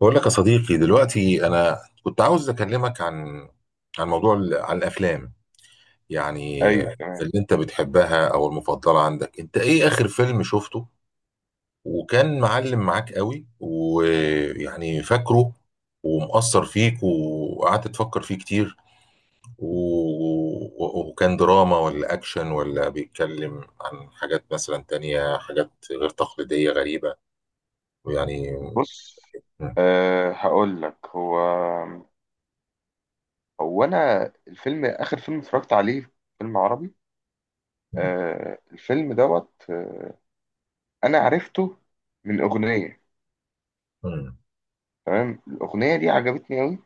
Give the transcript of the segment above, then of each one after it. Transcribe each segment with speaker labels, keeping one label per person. Speaker 1: بقول لك يا صديقي دلوقتي انا كنت عاوز اكلمك عن موضوع عن الافلام، يعني
Speaker 2: ايوه، تمام.
Speaker 1: اللي انت بتحبها او المفضله عندك؟ انت ايه اخر فيلم شفته وكان معلم معاك قوي ويعني فاكره ومأثر فيك وقعدت تفكر فيه كتير و... و- وكان دراما ولا اكشن ولا بيتكلم عن حاجات مثلا تانية، حاجات غير تقليديه غريبه ويعني
Speaker 2: بص.
Speaker 1: م-
Speaker 2: هقول لك. هو انا، اخر فيلم اتفرجت عليه فيلم عربي.
Speaker 1: م-
Speaker 2: الفيلم دوت، انا عرفته من اغنيه.
Speaker 1: م-
Speaker 2: تمام، الاغنيه دي عجبتني قوي.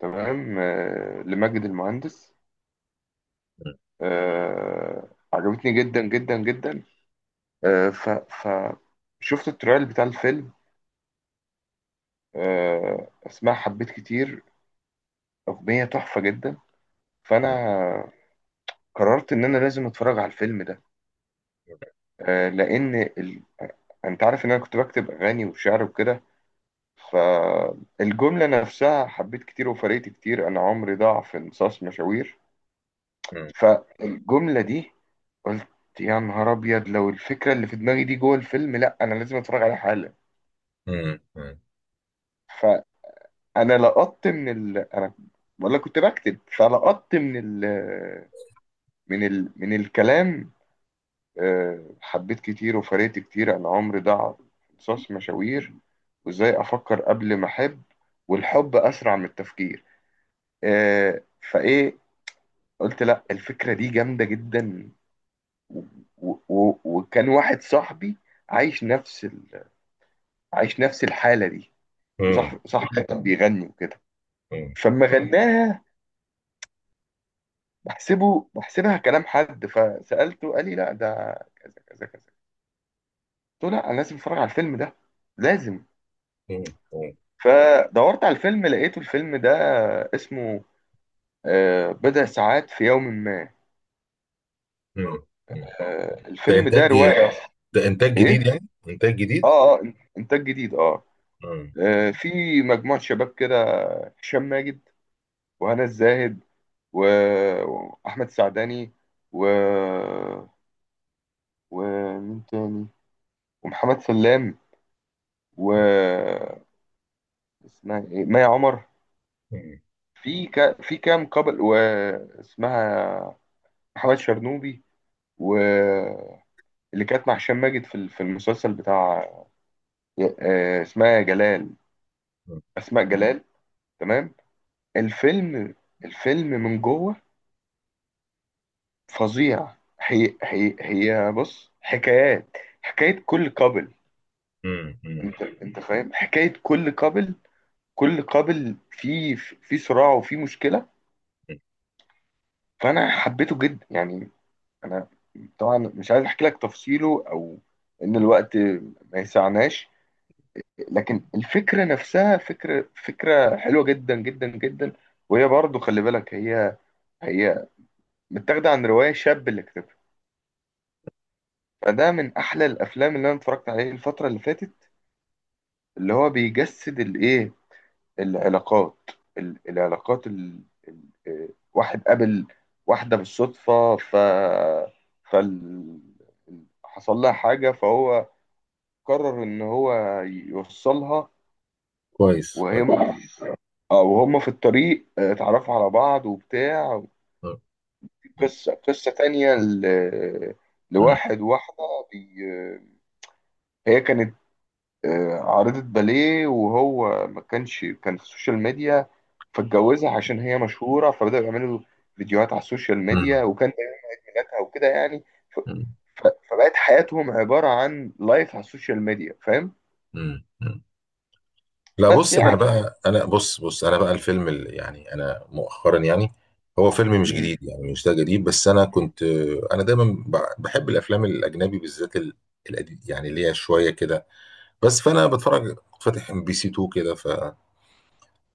Speaker 2: تمام، لماجد المهندس. عجبتني جدا جدا جدا. أه ف ف شفت التريل بتاع الفيلم. اسمها حبيت كتير، اغنيه تحفه جدا. فانا
Speaker 1: م-
Speaker 2: قررت ان انا لازم اتفرج على الفيلم ده. آه، لان ال... انت عارف ان انا كنت بكتب اغاني وشعر وكده. فالجمله نفسها: حبيت كتير وفرقت كتير، انا عمري ضاع في انصاص مشاوير.
Speaker 1: م-
Speaker 2: فالجمله دي قلت: يا نهار ابيض، لو الفكره اللي في دماغي دي جوه الفيلم، لا انا لازم اتفرج عليها حالا.
Speaker 1: مم. مم.
Speaker 2: فانا لقطت من ال... انا ولا كنت بكتب، فلقطت من ال... من ال... من الكلام. حبيت كتير وفرقت كتير، أنا عمري ضاع في قصص مشاوير، وإزاي أفكر قبل ما أحب، والحب أسرع من التفكير. آه، فإيه، قلت لأ، الفكرة دي جامدة جدا. و- وكان واحد صاحبي عايش نفس ال... عايش نفس الحالة دي.
Speaker 1: مم.
Speaker 2: وصاحبي كان بيغني وكده.
Speaker 1: مم.
Speaker 2: فلما غناها، بحسبها كلام حد، فسألته، قال لي: لا، ده كذا كذا كذا. قلت له: لا، أنا لازم أتفرج على الفيلم ده، لازم.
Speaker 1: مم. مم.
Speaker 2: فدورت على الفيلم، لقيته الفيلم ده اسمه بضع ساعات في يوم ما.
Speaker 1: مم. ده
Speaker 2: الفيلم ده
Speaker 1: انتاج
Speaker 2: رواية.
Speaker 1: ده انتاج جديد،
Speaker 2: ايه،
Speaker 1: يعني انتاج جديد.
Speaker 2: اه اه، انتاج جديد اه.
Speaker 1: مم.
Speaker 2: في مجموعة شباب كده: هشام ماجد، وهنا الزاهد، و- واحمد السعداني، و ومين تاني؟ ومحمد سلام، و اسمها ايه، مي عمر.
Speaker 1: مم.
Speaker 2: في كام قبل، واسمها محمد شرنوبي. و اللي كانت مع هشام ماجد في المسلسل بتاع آه، اسمها جلال
Speaker 1: مم.
Speaker 2: اسماء جلال. تمام. الفيلم الفيلم من جوه فظيع. هي بص، حكايات، حكاية كل قبل.
Speaker 1: مم. مم.
Speaker 2: انت فاهم حكاية كل قبل؟ كل قبل في صراع وفي مشكلة. فانا حبيته جدا يعني. انا طبعا مش عايز احكي لك تفصيله، او ان الوقت ما يسعناش، لكن الفكرة نفسها، فكرة حلوة جدا جدا جدا. وهي برضو، خلي بالك، هي متاخدة عن رواية شاب اللي كتبها. فده من أحلى الأفلام اللي أنا اتفرجت عليه الفترة اللي فاتت، اللي هو بيجسد الإيه، العلاقات. ال- العلاقات ال... ال... واحد قابل واحدة بالصدفة، فال... حصل لها حاجة فهو قرر إن هو يوصلها.
Speaker 1: كويس
Speaker 2: وهي،
Speaker 1: كويس.
Speaker 2: اه، وهم في الطريق اتعرفوا على بعض وبتاع.
Speaker 1: مم.
Speaker 2: قصة تانية
Speaker 1: مم.
Speaker 2: لواحد واحدة. بي... هي كانت عارضة باليه، وهو ما كانش، كان في السوشيال ميديا، فاتجوزها عشان هي مشهورة، فبدأوا يعملوا فيديوهات على السوشيال
Speaker 1: مم.
Speaker 2: ميديا، وكان ده حاجاتها وكده يعني. ف...
Speaker 1: مم.
Speaker 2: ف... فبقت حياتهم عبارة عن لايف على السوشيال ميديا، فاهم؟
Speaker 1: مم. مم. لا،
Speaker 2: بس
Speaker 1: بص،
Speaker 2: يعني.
Speaker 1: انا بقى الفيلم اللي يعني انا مؤخرا، يعني هو فيلم مش
Speaker 2: مم.
Speaker 1: جديد، يعني مش ده جديد، بس انا كنت، انا دايما بحب الافلام الاجنبي بالذات القديم، يعني اللي هي شويه كده. بس فانا بتفرج كنت فاتح MBC 2 كده،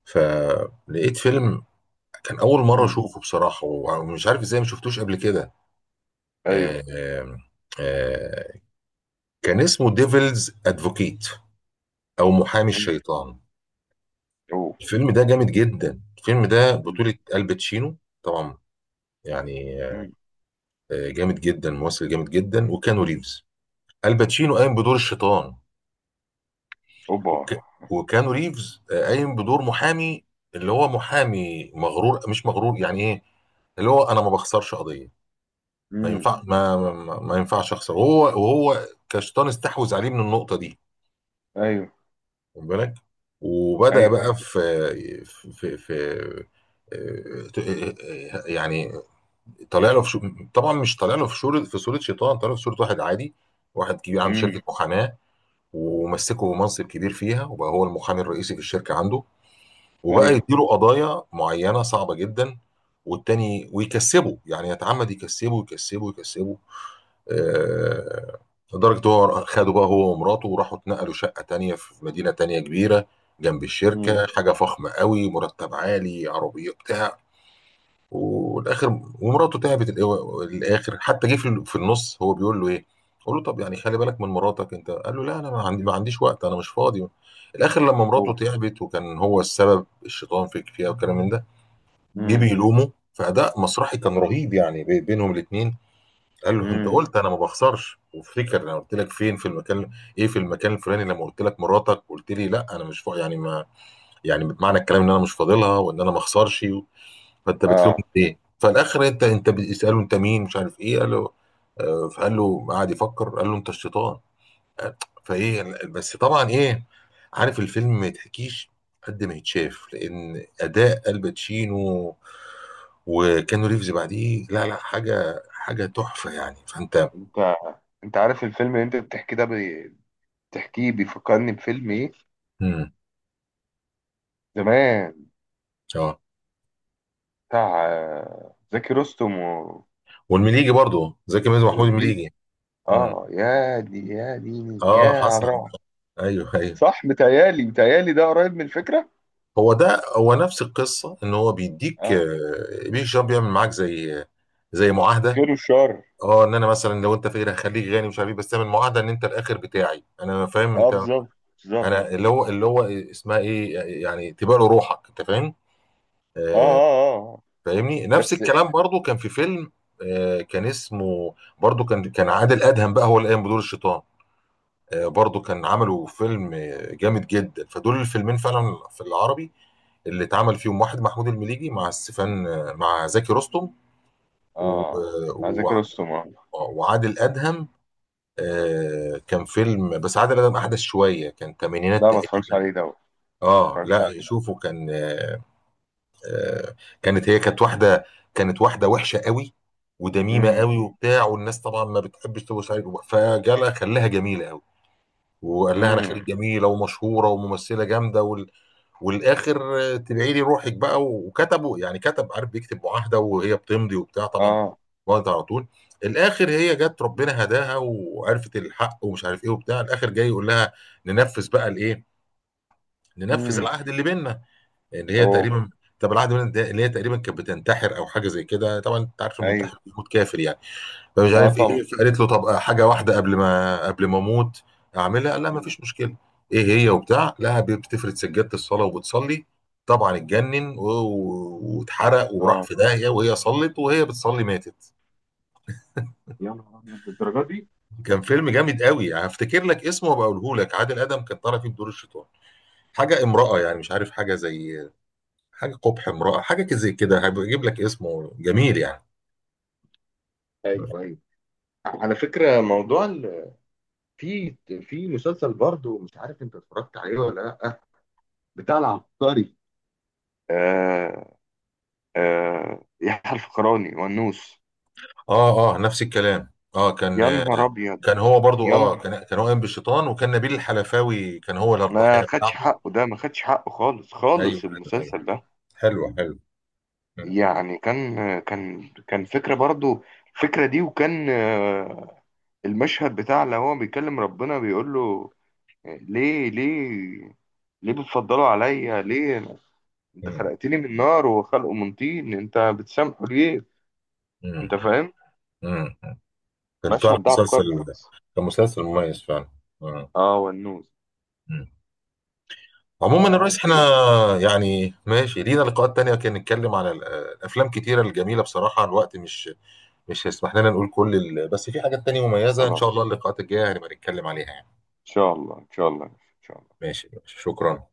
Speaker 1: فلقيت فيلم كان اول مره
Speaker 2: مم.
Speaker 1: اشوفه بصراحه، ومش عارف ازاي ما شفتوش قبل كده.
Speaker 2: ايوه.
Speaker 1: آه، آه، آه، كان اسمه ديفلز ادفوكيت او محامي
Speaker 2: مم.
Speaker 1: الشيطان.
Speaker 2: اوه.
Speaker 1: الفيلم ده جامد جدا، الفيلم ده
Speaker 2: مم.
Speaker 1: بطولة الباتشينو طبعا، يعني
Speaker 2: مم.
Speaker 1: جامد جدا، ممثل جامد جدا،
Speaker 2: مم.
Speaker 1: وكانو ريفز. الباتشينو قايم بدور الشيطان،
Speaker 2: اوبا.
Speaker 1: وك... وكانو ريفز قايم بدور محامي، اللي هو محامي مغرور، مش مغرور، يعني ايه، اللي هو انا ما بخسرش قضية. ما
Speaker 2: امم.
Speaker 1: ينفع، ما ينفعش اخسر، وهو كشيطان استحوذ عليه من النقطه دي.
Speaker 2: ايوه،
Speaker 1: خد بالك، وبدا
Speaker 2: ايوه،
Speaker 1: بقى
Speaker 2: ايوه.
Speaker 1: في يعني، طالع له طبعا مش طالع له في شورة، في صوره شيطان، طالع له في صوره واحد عادي، واحد كبير عنده
Speaker 2: امم.
Speaker 1: شركه محاماه، ومسكه منصب كبير فيها، وبقى هو المحامي الرئيسي في الشركه عنده، وبقى
Speaker 2: ايوه.
Speaker 1: يديله قضايا معينه صعبه جدا والتاني، ويكسبه يعني يتعمد يكسبه. آه، لدرجة هو خدوا بقى هو ومراته وراحوا اتنقلوا شقة تانية في مدينة تانية كبيرة جنب
Speaker 2: امم.
Speaker 1: الشركة، حاجة فخمة قوي، مرتب عالي، عربية، بتاع. والاخر ومراته تعبت، الاخر حتى جه في النص هو بيقول له ايه، قول له طب يعني خلي بالك من مراتك انت، قال له لا انا ما عنديش وقت، انا مش فاضي. الاخر لما مراته
Speaker 2: اوف.
Speaker 1: تعبت، وكان هو السبب الشيطان فيك فيها والكلام من ده، جه
Speaker 2: امم.
Speaker 1: بيلومه، فاداء مسرحي كان رهيب يعني بينهم الاثنين. قال له انت
Speaker 2: امم.
Speaker 1: قلت انا ما بخسرش، وافتكر انا قلت لك فين في المكان، ايه، في المكان الفلاني، لما قلت لك مراتك قلت لي لا انا مش فا... يعني ما، يعني معنى الكلام ان انا مش فاضلها وان انا ما اخسرش و... فانت بتلومني
Speaker 2: اه.
Speaker 1: ليه؟ فالاخر، انت بيساله انت مين، مش عارف ايه، قال له فقال له، قعد يفكر قال له انت الشيطان. آه، فايه بس طبعا ايه. عارف الفيلم ما يتحكيش قد ما يتشاف، لان اداء الباتشينو وكانو ريفز بعديه، لا لا، حاجه تحفه يعني. فانت
Speaker 2: انت انت عارف الفيلم اللي انت بتحكي ده، بتحكيه بيفكرني بفيلم ايه
Speaker 1: امم
Speaker 2: زمان،
Speaker 1: اه،
Speaker 2: بتاع زكي رستم
Speaker 1: والمليجي برضو، زكي ميزو، محمود
Speaker 2: والليجي.
Speaker 1: المليجي. امم
Speaker 2: اه، يا دي يا ديني، يا
Speaker 1: اه
Speaker 2: على
Speaker 1: حصل.
Speaker 2: الروعه.
Speaker 1: ايوه ايوه.
Speaker 2: صح، متهيألي ده قريب من الفكره.
Speaker 1: هو ده نفس القصه، ان هو بيديك
Speaker 2: اه،
Speaker 1: بيك شاب بيعمل معاك زي معاهده.
Speaker 2: الخير والشر.
Speaker 1: اه، ان انا مثلا لو انت فقير هخليك غني، مش عارف ايه، بس تعمل معاهده ان انت الاخر بتاعي، انا فاهم
Speaker 2: اه،
Speaker 1: انت.
Speaker 2: بالظبط، بالظبط.
Speaker 1: انا اللي هو اسمها ايه، يعني تبقى له روحك، انت فاهم.
Speaker 2: اه،
Speaker 1: آه.
Speaker 2: اه، اه، آه.
Speaker 1: فاهمني، نفس
Speaker 2: بس.
Speaker 1: الكلام برضو كان في فيلم. آه كان اسمه، برضو كان كان عادل ادهم بقى هو اللي قام بدور الشيطان. برضو كان عملوا فيلم جامد جدا. فدول الفيلمين فعلا في العربي اللي اتعمل فيهم واحد محمود المليجي مع ستيفان مع زكي رستم، و-
Speaker 2: اه،
Speaker 1: آه،
Speaker 2: مع زكي
Speaker 1: و-
Speaker 2: رستم اه.
Speaker 1: وعادل أدهم. كان فيلم بس عادل أدهم أحدث شوية، كان تمانينات
Speaker 2: لا، ما اتفرجتش
Speaker 1: تقريبا.
Speaker 2: عليه ده، ما
Speaker 1: اه
Speaker 2: اتفرجتش
Speaker 1: لا
Speaker 2: عليه.
Speaker 1: شوفوا كان آه، كانت هي، كانت واحدة وحشة قوي ودميمة قوي وبتاع، والناس طبعا ما بتحبش تبص عليها، فجالها خلاها جميلة قوي، وقال لها انا
Speaker 2: امم.
Speaker 1: خريج، جميله ومشهوره وممثله جامده وال... والاخر تبعي لي روحك بقى، وكتبوا يعني كتب، عارف بيكتب معاهده وهي بتمضي وبتاع طبعا،
Speaker 2: اه.
Speaker 1: وقت على طول. الاخر هي جت ربنا هداها وعرفت الحق ومش عارف ايه وبتاع، الاخر جاي يقول لها ننفذ بقى الايه، ننفذ
Speaker 2: امم.
Speaker 1: العهد اللي بيننا، اللي هي
Speaker 2: اوه.
Speaker 1: تقريبا، طب العهد اللي بيننا ده اللي هي تقريبا كانت بتنتحر او حاجه زي كده، طبعا انت عارف
Speaker 2: ايوه.
Speaker 1: المنتحر بيموت كافر يعني، فمش
Speaker 2: اه،
Speaker 1: عارف
Speaker 2: طبعا.
Speaker 1: ايه، فقالت له طب حاجه واحده قبل ما اموت اعملها. قال لها ما
Speaker 2: مم.
Speaker 1: فيش مشكله. ايه هي وبتاع؟ لا، بتفرد سجاده الصلاه وبتصلي، طبعا اتجنن واتحرق وراح
Speaker 2: اه.
Speaker 1: في داهيه، وهي صلت وهي بتصلي ماتت.
Speaker 2: يا نهار ابيض، بالدرجه دي.
Speaker 1: كان فيلم جامد قوي، هفتكر لك اسمه وابقى اقوله لك. عادل ادم كان طالع فيه بدور الشيطان، حاجه امراه يعني، مش عارف، حاجه زي، حاجه قبح امراه، حاجه زي كده، هجيب لك اسمه جميل يعني.
Speaker 2: ايوه، ايوه. على فكره، موضوع في في مسلسل برضه مش عارف انت اتفرجت عليه ولا لا، بتاع العبقري. آه يحيى الفخراني والنوس.
Speaker 1: اه اه نفس الكلام. اه
Speaker 2: يا
Speaker 1: كان
Speaker 2: نهار ابيض،
Speaker 1: كان هو برضو،
Speaker 2: يا
Speaker 1: اه
Speaker 2: نهار.
Speaker 1: كان كان هو قايم بالشيطان، وكان نبيل الحلفاوي كان هو
Speaker 2: ما
Speaker 1: الضحيه
Speaker 2: خدش
Speaker 1: بتاعته.
Speaker 2: حقه، ده ما خدش حقه خالص،
Speaker 1: ايوه
Speaker 2: خالص
Speaker 1: ايوه ايوه.
Speaker 2: المسلسل ده.
Speaker 1: حلوه حلوه. مم.
Speaker 2: يعني كان فكره برضه الفكره دي. وكان المشهد بتاع لو هو بيكلم ربنا بيقول له: ليه، ليه، ليه بتفضلوا عليا؟ انت
Speaker 1: مم.
Speaker 2: خلقتني من نار وخلقه من طين، انت بتسامحه ليه؟
Speaker 1: مم.
Speaker 2: انت فاهم؟
Speaker 1: مم. كان فعلا
Speaker 2: المشهد ده
Speaker 1: مسلسل،
Speaker 2: عبقري.
Speaker 1: كان مسلسل مميز فعلا. مم.
Speaker 2: اه، والنوز.
Speaker 1: مم. عموما يا
Speaker 2: آه،
Speaker 1: ريس، احنا
Speaker 2: خير.
Speaker 1: يعني ماشي لينا لقاءات تانية كان نتكلم على الافلام كتيرة الجميلة، بصراحة الوقت مش، مش هيسمح لنا نقول كل ال... بس في حاجات تانية مميزة ان شاء الله،
Speaker 2: خلاص،
Speaker 1: اللقاءات الجاية هنبقى نتكلم عليها يعني.
Speaker 2: ان شاء الله، ان شاء الله، ان شاء الله.
Speaker 1: ماشي ماشي، شكرا.